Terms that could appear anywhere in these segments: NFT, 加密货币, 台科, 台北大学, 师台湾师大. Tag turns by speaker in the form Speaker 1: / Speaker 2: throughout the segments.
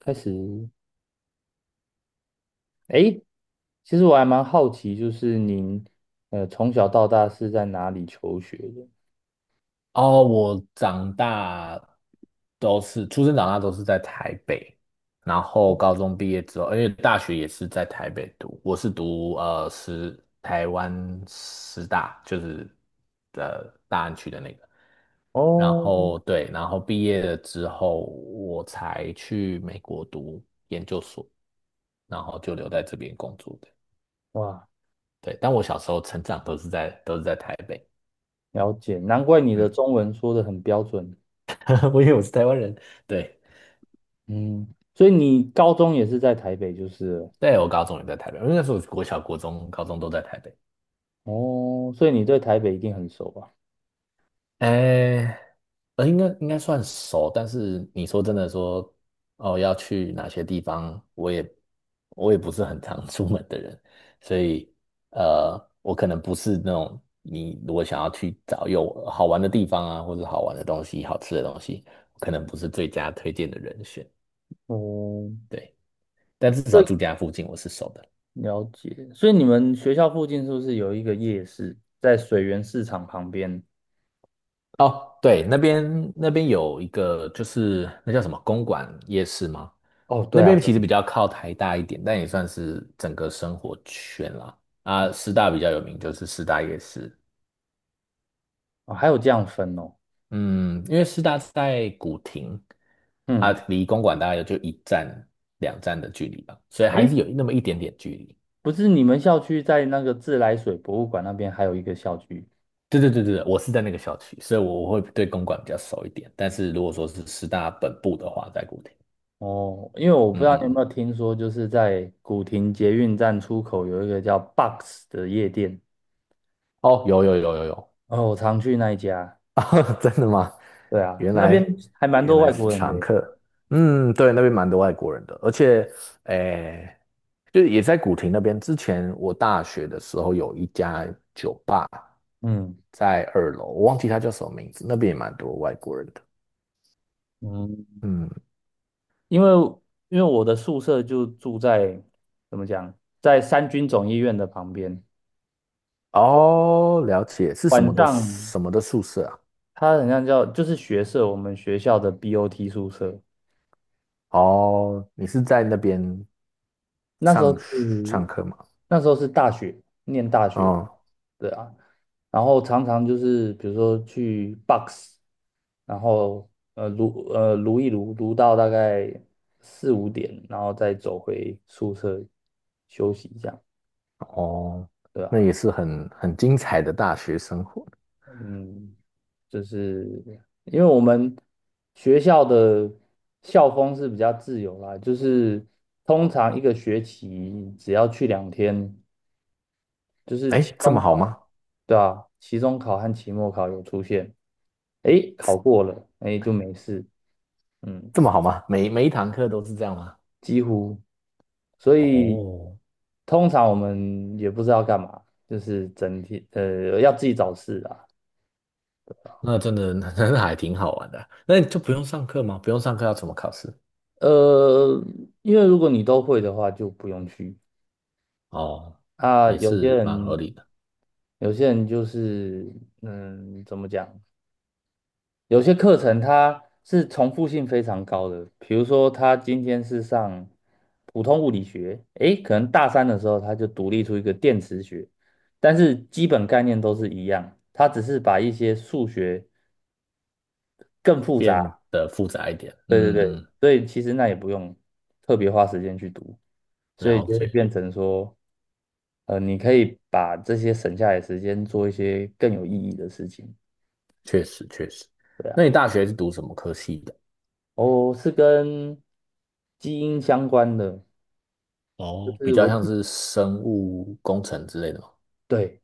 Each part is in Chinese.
Speaker 1: 开始，诶，其实我还蛮好奇，就是您从小到大是在哪里求学的？
Speaker 2: 哦，我长大都是出生长大都是在台北，然后高中毕业之后，因为大学也是在台北读，我是读台湾师大，就是大安区的那个，然
Speaker 1: 哦，
Speaker 2: 后对，然后毕业了之后，我才去美国读研究所，然后就留在这边工作的，
Speaker 1: 哇，
Speaker 2: 对，但我小时候成长都是在台北。
Speaker 1: 了解，难怪你的
Speaker 2: 嗯，
Speaker 1: 中文说的很标准。
Speaker 2: 我以为我是台湾人，对。
Speaker 1: 嗯，所以你高中也是在台北，就是了。
Speaker 2: 对，我高中也在台北，因为那时候国小、国中、高中都在台北。
Speaker 1: 哦，所以你对台北一定很熟吧？
Speaker 2: 哎，应该算熟，但是你说真的说，哦，要去哪些地方，我也不是很常 出门的人，所以呃，我可能不是那种你如果想要去找有好玩的地方啊，或者好玩的东西、好吃的东西，我可能不是最佳推荐的人选。
Speaker 1: 哦，
Speaker 2: 对，但至少
Speaker 1: 对，
Speaker 2: 住家附近我是熟的。
Speaker 1: 了解。所以你们学校附近是不是有一个夜市，在水源市场旁边？
Speaker 2: 哦，对，那边有一个就是那叫什么公馆夜市吗？
Speaker 1: 哦，
Speaker 2: 那
Speaker 1: 对啊，
Speaker 2: 边
Speaker 1: 对
Speaker 2: 其
Speaker 1: 啊，
Speaker 2: 实比较靠台大一点，但也算是整个生活圈啦。啊，师大比较有名就是师大夜市。
Speaker 1: 哦还有这样分哦。
Speaker 2: 嗯，因为师大在古亭，啊，
Speaker 1: 嗯。
Speaker 2: 离公馆大概也就一站两站的距离吧，所以还
Speaker 1: 哎。
Speaker 2: 是有那么一点点距离。
Speaker 1: 不是你们校区在那个自来水博物馆那边还有一个校区。
Speaker 2: 对对对对，我是在那个小区，所以我会对公馆比较熟一点。但是如果说是师大本部的话，在古亭。
Speaker 1: 哦，因为我不
Speaker 2: 嗯
Speaker 1: 知道
Speaker 2: 嗯，
Speaker 1: 你有
Speaker 2: 嗯，
Speaker 1: 没有听说，就是在古亭捷运站出口有一个叫 Box 的夜店，
Speaker 2: 哦，有有有有有。
Speaker 1: 哦，我常去那一家。
Speaker 2: 啊，真的吗？
Speaker 1: 对啊，
Speaker 2: 原
Speaker 1: 那边
Speaker 2: 来
Speaker 1: 还蛮
Speaker 2: 原
Speaker 1: 多
Speaker 2: 来
Speaker 1: 外
Speaker 2: 是
Speaker 1: 国人的
Speaker 2: 常
Speaker 1: 耶。
Speaker 2: 客。嗯，对，那边蛮多外国人的，而且，诶，就是也在古亭那边。之前我大学的时候有一家酒吧
Speaker 1: 嗯
Speaker 2: 在二楼，我忘记它叫什么名字，那边也蛮多外国人的。
Speaker 1: 嗯，
Speaker 2: 嗯，
Speaker 1: 因为因为我的宿舍就住在，怎么讲，在三军总医院的旁边，
Speaker 2: 哦，了解，是什
Speaker 1: 晚
Speaker 2: 么的
Speaker 1: 上
Speaker 2: 什么的宿舍啊？
Speaker 1: 它好像叫就是学舍，我们学校的 BOT 宿舍。
Speaker 2: 哦，你是在那边
Speaker 1: 那时候
Speaker 2: 上学
Speaker 1: 是
Speaker 2: 上课吗？
Speaker 1: 那时候是大学，念大学的。
Speaker 2: 哦
Speaker 1: 对啊，然后常常就是比如说去 box，然后撸撸一撸，撸到大概四五点，然后再走回宿舍休息一下，
Speaker 2: 哦，
Speaker 1: 对啊，
Speaker 2: 那也是很精彩的大学生活。
Speaker 1: 嗯，就是因为我们学校的校风是比较自由啦，就是通常一个学期只要去2天。就是期
Speaker 2: 诶，这
Speaker 1: 中
Speaker 2: 么好
Speaker 1: 考，
Speaker 2: 吗？
Speaker 1: 对啊，期中考和期末考有出现，诶，考过了，诶，就没事，嗯，
Speaker 2: 这么好吗？每一堂课都是这样吗？
Speaker 1: 几乎，所以
Speaker 2: 哦，
Speaker 1: 通常我们也不知道干嘛，就是整体要自己找事啊，
Speaker 2: 那真的 那还挺好玩的。那你就不用上课吗？不用上课要怎么考试？
Speaker 1: 呃，因为如果你都会的话，就不用去。
Speaker 2: 哦，
Speaker 1: 啊，
Speaker 2: 也
Speaker 1: 有些
Speaker 2: 是蛮合
Speaker 1: 人
Speaker 2: 理的。
Speaker 1: 就是，嗯，怎么讲？有些课程它是重复性非常高的，比如说他今天是上普通物理学，诶，可能大三的时候他就独立出一个电磁学，但是基本概念都是一样，他只是把一些数学更复杂，
Speaker 2: 变得复杂一点。
Speaker 1: 对对
Speaker 2: 嗯，
Speaker 1: 对，
Speaker 2: 嗯，
Speaker 1: 所以其实那也不用特别花时间去读，所以
Speaker 2: 了
Speaker 1: 就会
Speaker 2: 解，
Speaker 1: 变成说，你可以把这些省下来的时间做一些更有意义的事情，
Speaker 2: 确实确实。
Speaker 1: 对
Speaker 2: 那
Speaker 1: 啊，
Speaker 2: 你大学是读什么科系的？
Speaker 1: 哦，是跟基因相关的。就
Speaker 2: 哦，比
Speaker 1: 是
Speaker 2: 较
Speaker 1: 我
Speaker 2: 像
Speaker 1: 记
Speaker 2: 是生物工程之类的吗？
Speaker 1: 对，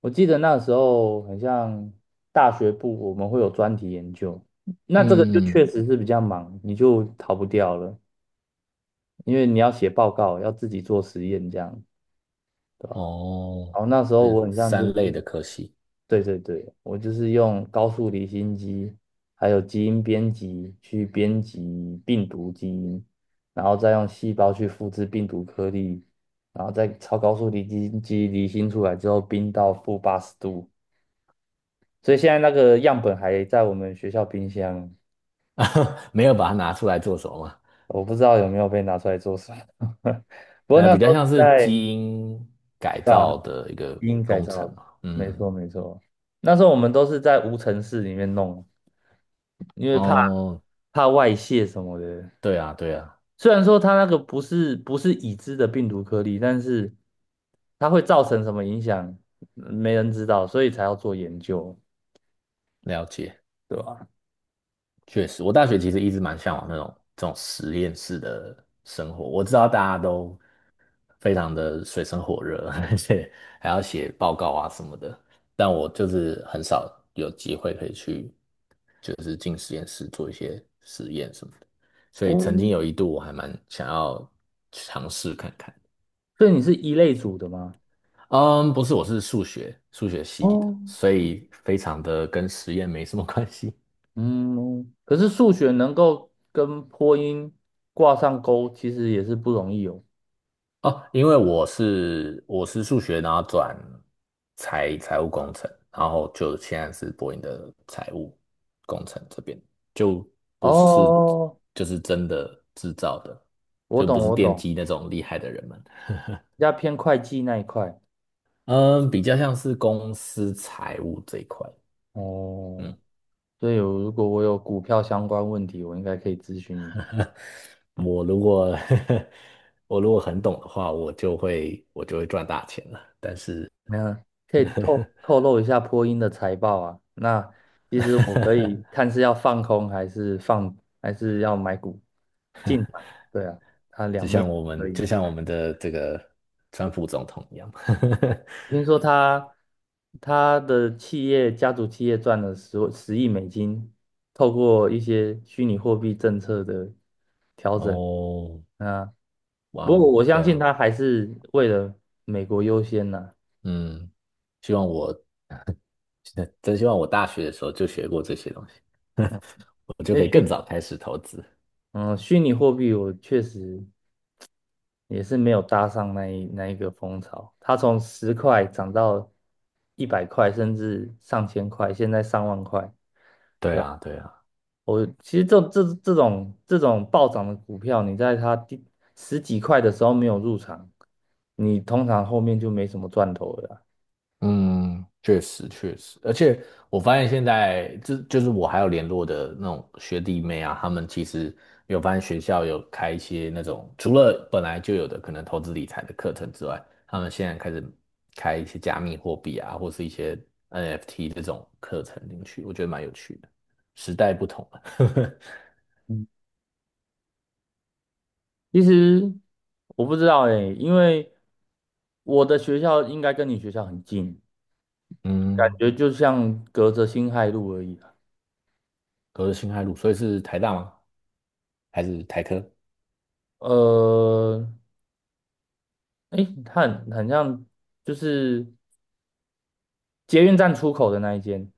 Speaker 1: 我记得那时候很像大学部，我们会有专题研究，那这个就
Speaker 2: 嗯，
Speaker 1: 确实是比较忙，你就逃不掉了，因为你要写报告，要自己做实验，这样，对吧？然
Speaker 2: 哦，
Speaker 1: 后那时
Speaker 2: 这
Speaker 1: 候我
Speaker 2: 是
Speaker 1: 很像就
Speaker 2: 三
Speaker 1: 是，
Speaker 2: 类的科系。
Speaker 1: 对对对，我就是用高速离心机，还有基因编辑去编辑病毒基因，然后再用细胞去复制病毒颗粒，然后再超高速离心机离心出来之后，冰到-80度。所以现在那个样本还在我们学校冰箱，
Speaker 2: 没有把它拿出来做什么
Speaker 1: 我不知道有没有被拿出来做什么。不过
Speaker 2: 那
Speaker 1: 那
Speaker 2: 比
Speaker 1: 时
Speaker 2: 较
Speaker 1: 候是
Speaker 2: 像是基
Speaker 1: 在
Speaker 2: 因改造的一个
Speaker 1: 基因改
Speaker 2: 工程
Speaker 1: 造的，
Speaker 2: 嘛。
Speaker 1: 没
Speaker 2: 嗯，
Speaker 1: 错没错。那时候我们都是在无尘室里面弄，因为
Speaker 2: 哦，
Speaker 1: 怕外泄什么的。
Speaker 2: 对啊，对啊，
Speaker 1: 虽然说它那个不是已知的病毒颗粒，但是它会造成什么影响，没人知道，所以才要做研究，
Speaker 2: 了解，
Speaker 1: 对吧？
Speaker 2: 确实，我大学其实一直蛮向往那种这种实验室的生活。我知道大家都非常的水深火热，而且还要写报告啊什么的，但我就是很少有机会可以去，就是进实验室做一些实验什么的。所以
Speaker 1: 哦，
Speaker 2: 曾经有一度我还蛮想要尝试看看。
Speaker 1: 所以你是一类组的吗？
Speaker 2: 嗯，不是，我是数学系的，
Speaker 1: 哦，
Speaker 2: 所以非常的跟实验没什么关系。
Speaker 1: 嗯，可是数学能够跟播音挂上钩，其实也是不容易哦。
Speaker 2: 哦，因为我是数学，然后转财务工程，然后就现在是博音的财务工程这边，就不是
Speaker 1: 哦，
Speaker 2: 就是真的制造的，
Speaker 1: 我
Speaker 2: 就
Speaker 1: 懂，
Speaker 2: 不是
Speaker 1: 我
Speaker 2: 电
Speaker 1: 懂，
Speaker 2: 机那种厉害的人们。
Speaker 1: 比较偏会计那一块。
Speaker 2: 嗯，比较像是公司财务这一块。
Speaker 1: 哦，
Speaker 2: 嗯。
Speaker 1: 所以我如果我有股票相关问题，我应该可以咨询你。
Speaker 2: 我如果 我如果很懂的话，我就会赚大钱了。但是
Speaker 1: 没有，可以透露一下波音的财报啊？那其实我可以 看是要放空还是放，还是要买股进场。对啊，它两
Speaker 2: 就
Speaker 1: 面
Speaker 2: 像我
Speaker 1: 可
Speaker 2: 们
Speaker 1: 以。
Speaker 2: 就像我们的这个川普总统一样，
Speaker 1: 听说他他的企业家族企业赚了10亿美金，透过一些虚拟货币政策的调 整，
Speaker 2: 哦，
Speaker 1: 啊，
Speaker 2: 哇
Speaker 1: 不过
Speaker 2: 哦，
Speaker 1: 我相
Speaker 2: 对
Speaker 1: 信
Speaker 2: 啊。
Speaker 1: 他还是为了美国优先呐、
Speaker 2: 嗯，希望我 真希望我大学的时候就学过这些东西，
Speaker 1: 嗯，
Speaker 2: 我就
Speaker 1: 因
Speaker 2: 可以
Speaker 1: 为
Speaker 2: 更早开始投资。
Speaker 1: 虚拟货币我确实也是没有搭上那一个风潮，它从10块涨到100块，甚至上千块，现在上万块。
Speaker 2: 对
Speaker 1: 对，
Speaker 2: 啊，对啊。
Speaker 1: 我其实这种暴涨的股票，你在它第十几块的时候没有入场，你通常后面就没什么赚头了啦。
Speaker 2: 嗯，确实确实，而且我发现现在就是我还有联络的那种学弟妹啊，他们其实有发现学校有开一些那种除了本来就有的可能投资理财的课程之外，他们现在开始开一些加密货币啊，或是一些 NFT 这种课程进去，我觉得蛮有趣的。时代不同了。
Speaker 1: 嗯，其实我不知道诶，因为我的学校应该跟你学校很近，感
Speaker 2: 嗯，
Speaker 1: 觉就像隔着辛亥路而已啦。
Speaker 2: 隔着辛亥路，所以是台大吗？还是台科？
Speaker 1: 呃，诶，它很像就是捷运站出口的那一间，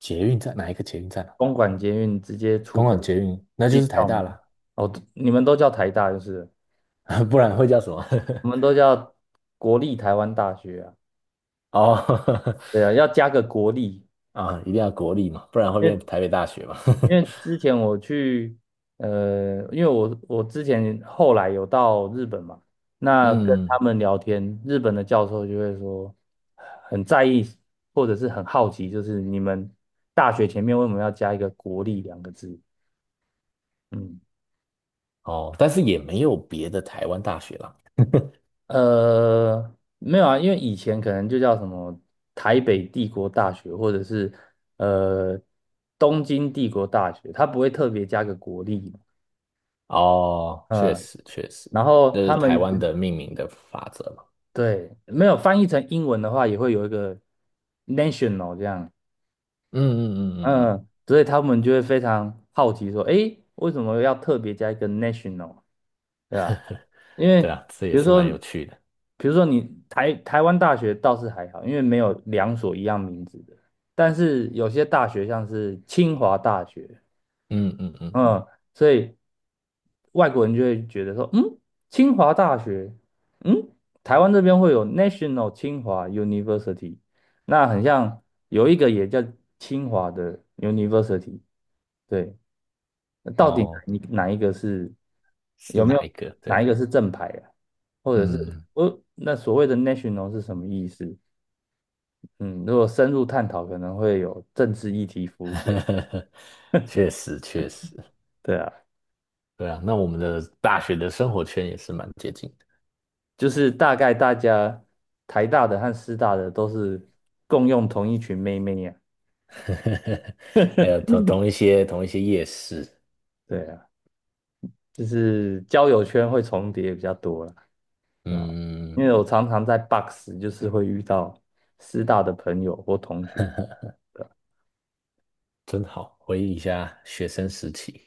Speaker 2: 捷运站哪一个捷运站啊？
Speaker 1: 公馆捷运直接出
Speaker 2: 公馆
Speaker 1: 口
Speaker 2: 捷运，那就
Speaker 1: 进
Speaker 2: 是台
Speaker 1: 校
Speaker 2: 大
Speaker 1: 门。
Speaker 2: 啦。
Speaker 1: 哦，你们都叫台大就是了。
Speaker 2: 不然会叫什么？
Speaker 1: 我们都叫国立台湾大学啊，
Speaker 2: 哦，
Speaker 1: 对啊，要加个国立，
Speaker 2: 啊，一定要国立嘛，不然会
Speaker 1: 因
Speaker 2: 变
Speaker 1: 为
Speaker 2: 台北大学嘛。
Speaker 1: 因为 之前我去，因为我之前后来有到日本嘛，那跟他
Speaker 2: 嗯，
Speaker 1: 们聊天，日本的教授就会说很在意或者是很好奇，就是你们大学前面为什么要加一个国立两个字？嗯。
Speaker 2: 哦，但是也没有别的台湾大学啦。
Speaker 1: 没有啊，因为以前可能就叫什么台北帝国大学，或者是呃东京帝国大学，它不会特别加个国立嘛。
Speaker 2: 哦，确
Speaker 1: 嗯，
Speaker 2: 实确实，
Speaker 1: 然后
Speaker 2: 这
Speaker 1: 他
Speaker 2: 是台
Speaker 1: 们
Speaker 2: 湾的命名的法则嘛。
Speaker 1: 对没有翻译成英文的话，也会有一个 national 这样，
Speaker 2: 嗯嗯嗯嗯嗯，
Speaker 1: 嗯，所以他们就会非常好奇说，诶，为什么要特别加一个 national？对啊，因
Speaker 2: 对
Speaker 1: 为
Speaker 2: 啊，这
Speaker 1: 比
Speaker 2: 也
Speaker 1: 如
Speaker 2: 是蛮有
Speaker 1: 说，
Speaker 2: 趣的。
Speaker 1: 比如说你台湾大学倒是还好，因为没有两所一样名字的，但是有些大学像是清华大学，
Speaker 2: 嗯嗯嗯，
Speaker 1: 嗯，所以外国人就会觉得说，嗯，清华大学，嗯，台湾这边会有 National 清华 University，那很像有一个也叫清华的 University，对，到底
Speaker 2: 哦，
Speaker 1: 你哪一个是，有
Speaker 2: 是
Speaker 1: 没
Speaker 2: 哪一
Speaker 1: 有
Speaker 2: 个？
Speaker 1: 哪一
Speaker 2: 对。
Speaker 1: 个是正牌啊？或者是
Speaker 2: 嗯，
Speaker 1: 我那所谓的 national 是什么意思？嗯，如果深入探讨，可能会有政治议题浮现。
Speaker 2: 确实确实，
Speaker 1: 对啊，
Speaker 2: 对啊，那我们的大学的生活圈也是蛮接近。
Speaker 1: 就是大概大家台大的和师大的都是共用同一群妹妹呀、
Speaker 2: 呵呵呵，还有同一些夜市。
Speaker 1: 对啊，就是交友圈会重叠比较多了啊，
Speaker 2: 嗯，
Speaker 1: 因为我常常在 Box 就是会遇到师大的朋友或同学。
Speaker 2: 真好，回忆一下学生时期。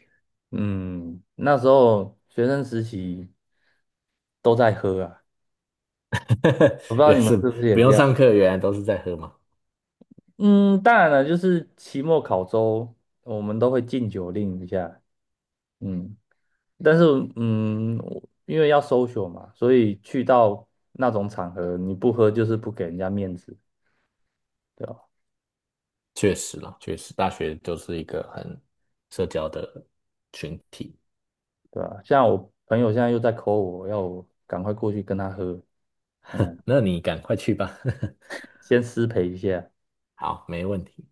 Speaker 1: 嗯，那时候学生时期都在喝啊，我不知道
Speaker 2: 原
Speaker 1: 你
Speaker 2: 来
Speaker 1: 们
Speaker 2: 是
Speaker 1: 是不是也
Speaker 2: 不
Speaker 1: 这
Speaker 2: 用
Speaker 1: 样。
Speaker 2: 上课，原来都是在喝嘛，
Speaker 1: 嗯，当然了，就是期末考周，我们都会禁酒令一下。嗯，但是嗯，我因为要 social 嘛，所以去到那种场合，你不喝就是不给人家面子，对吧？
Speaker 2: 确实啦，确实，大学就是一个很社交的群体。
Speaker 1: 对吧？像我朋友现在又在 call 我，要我赶快过去跟他喝，嗯，
Speaker 2: 那你赶快去吧。
Speaker 1: 先失陪一下。
Speaker 2: 好，没问题。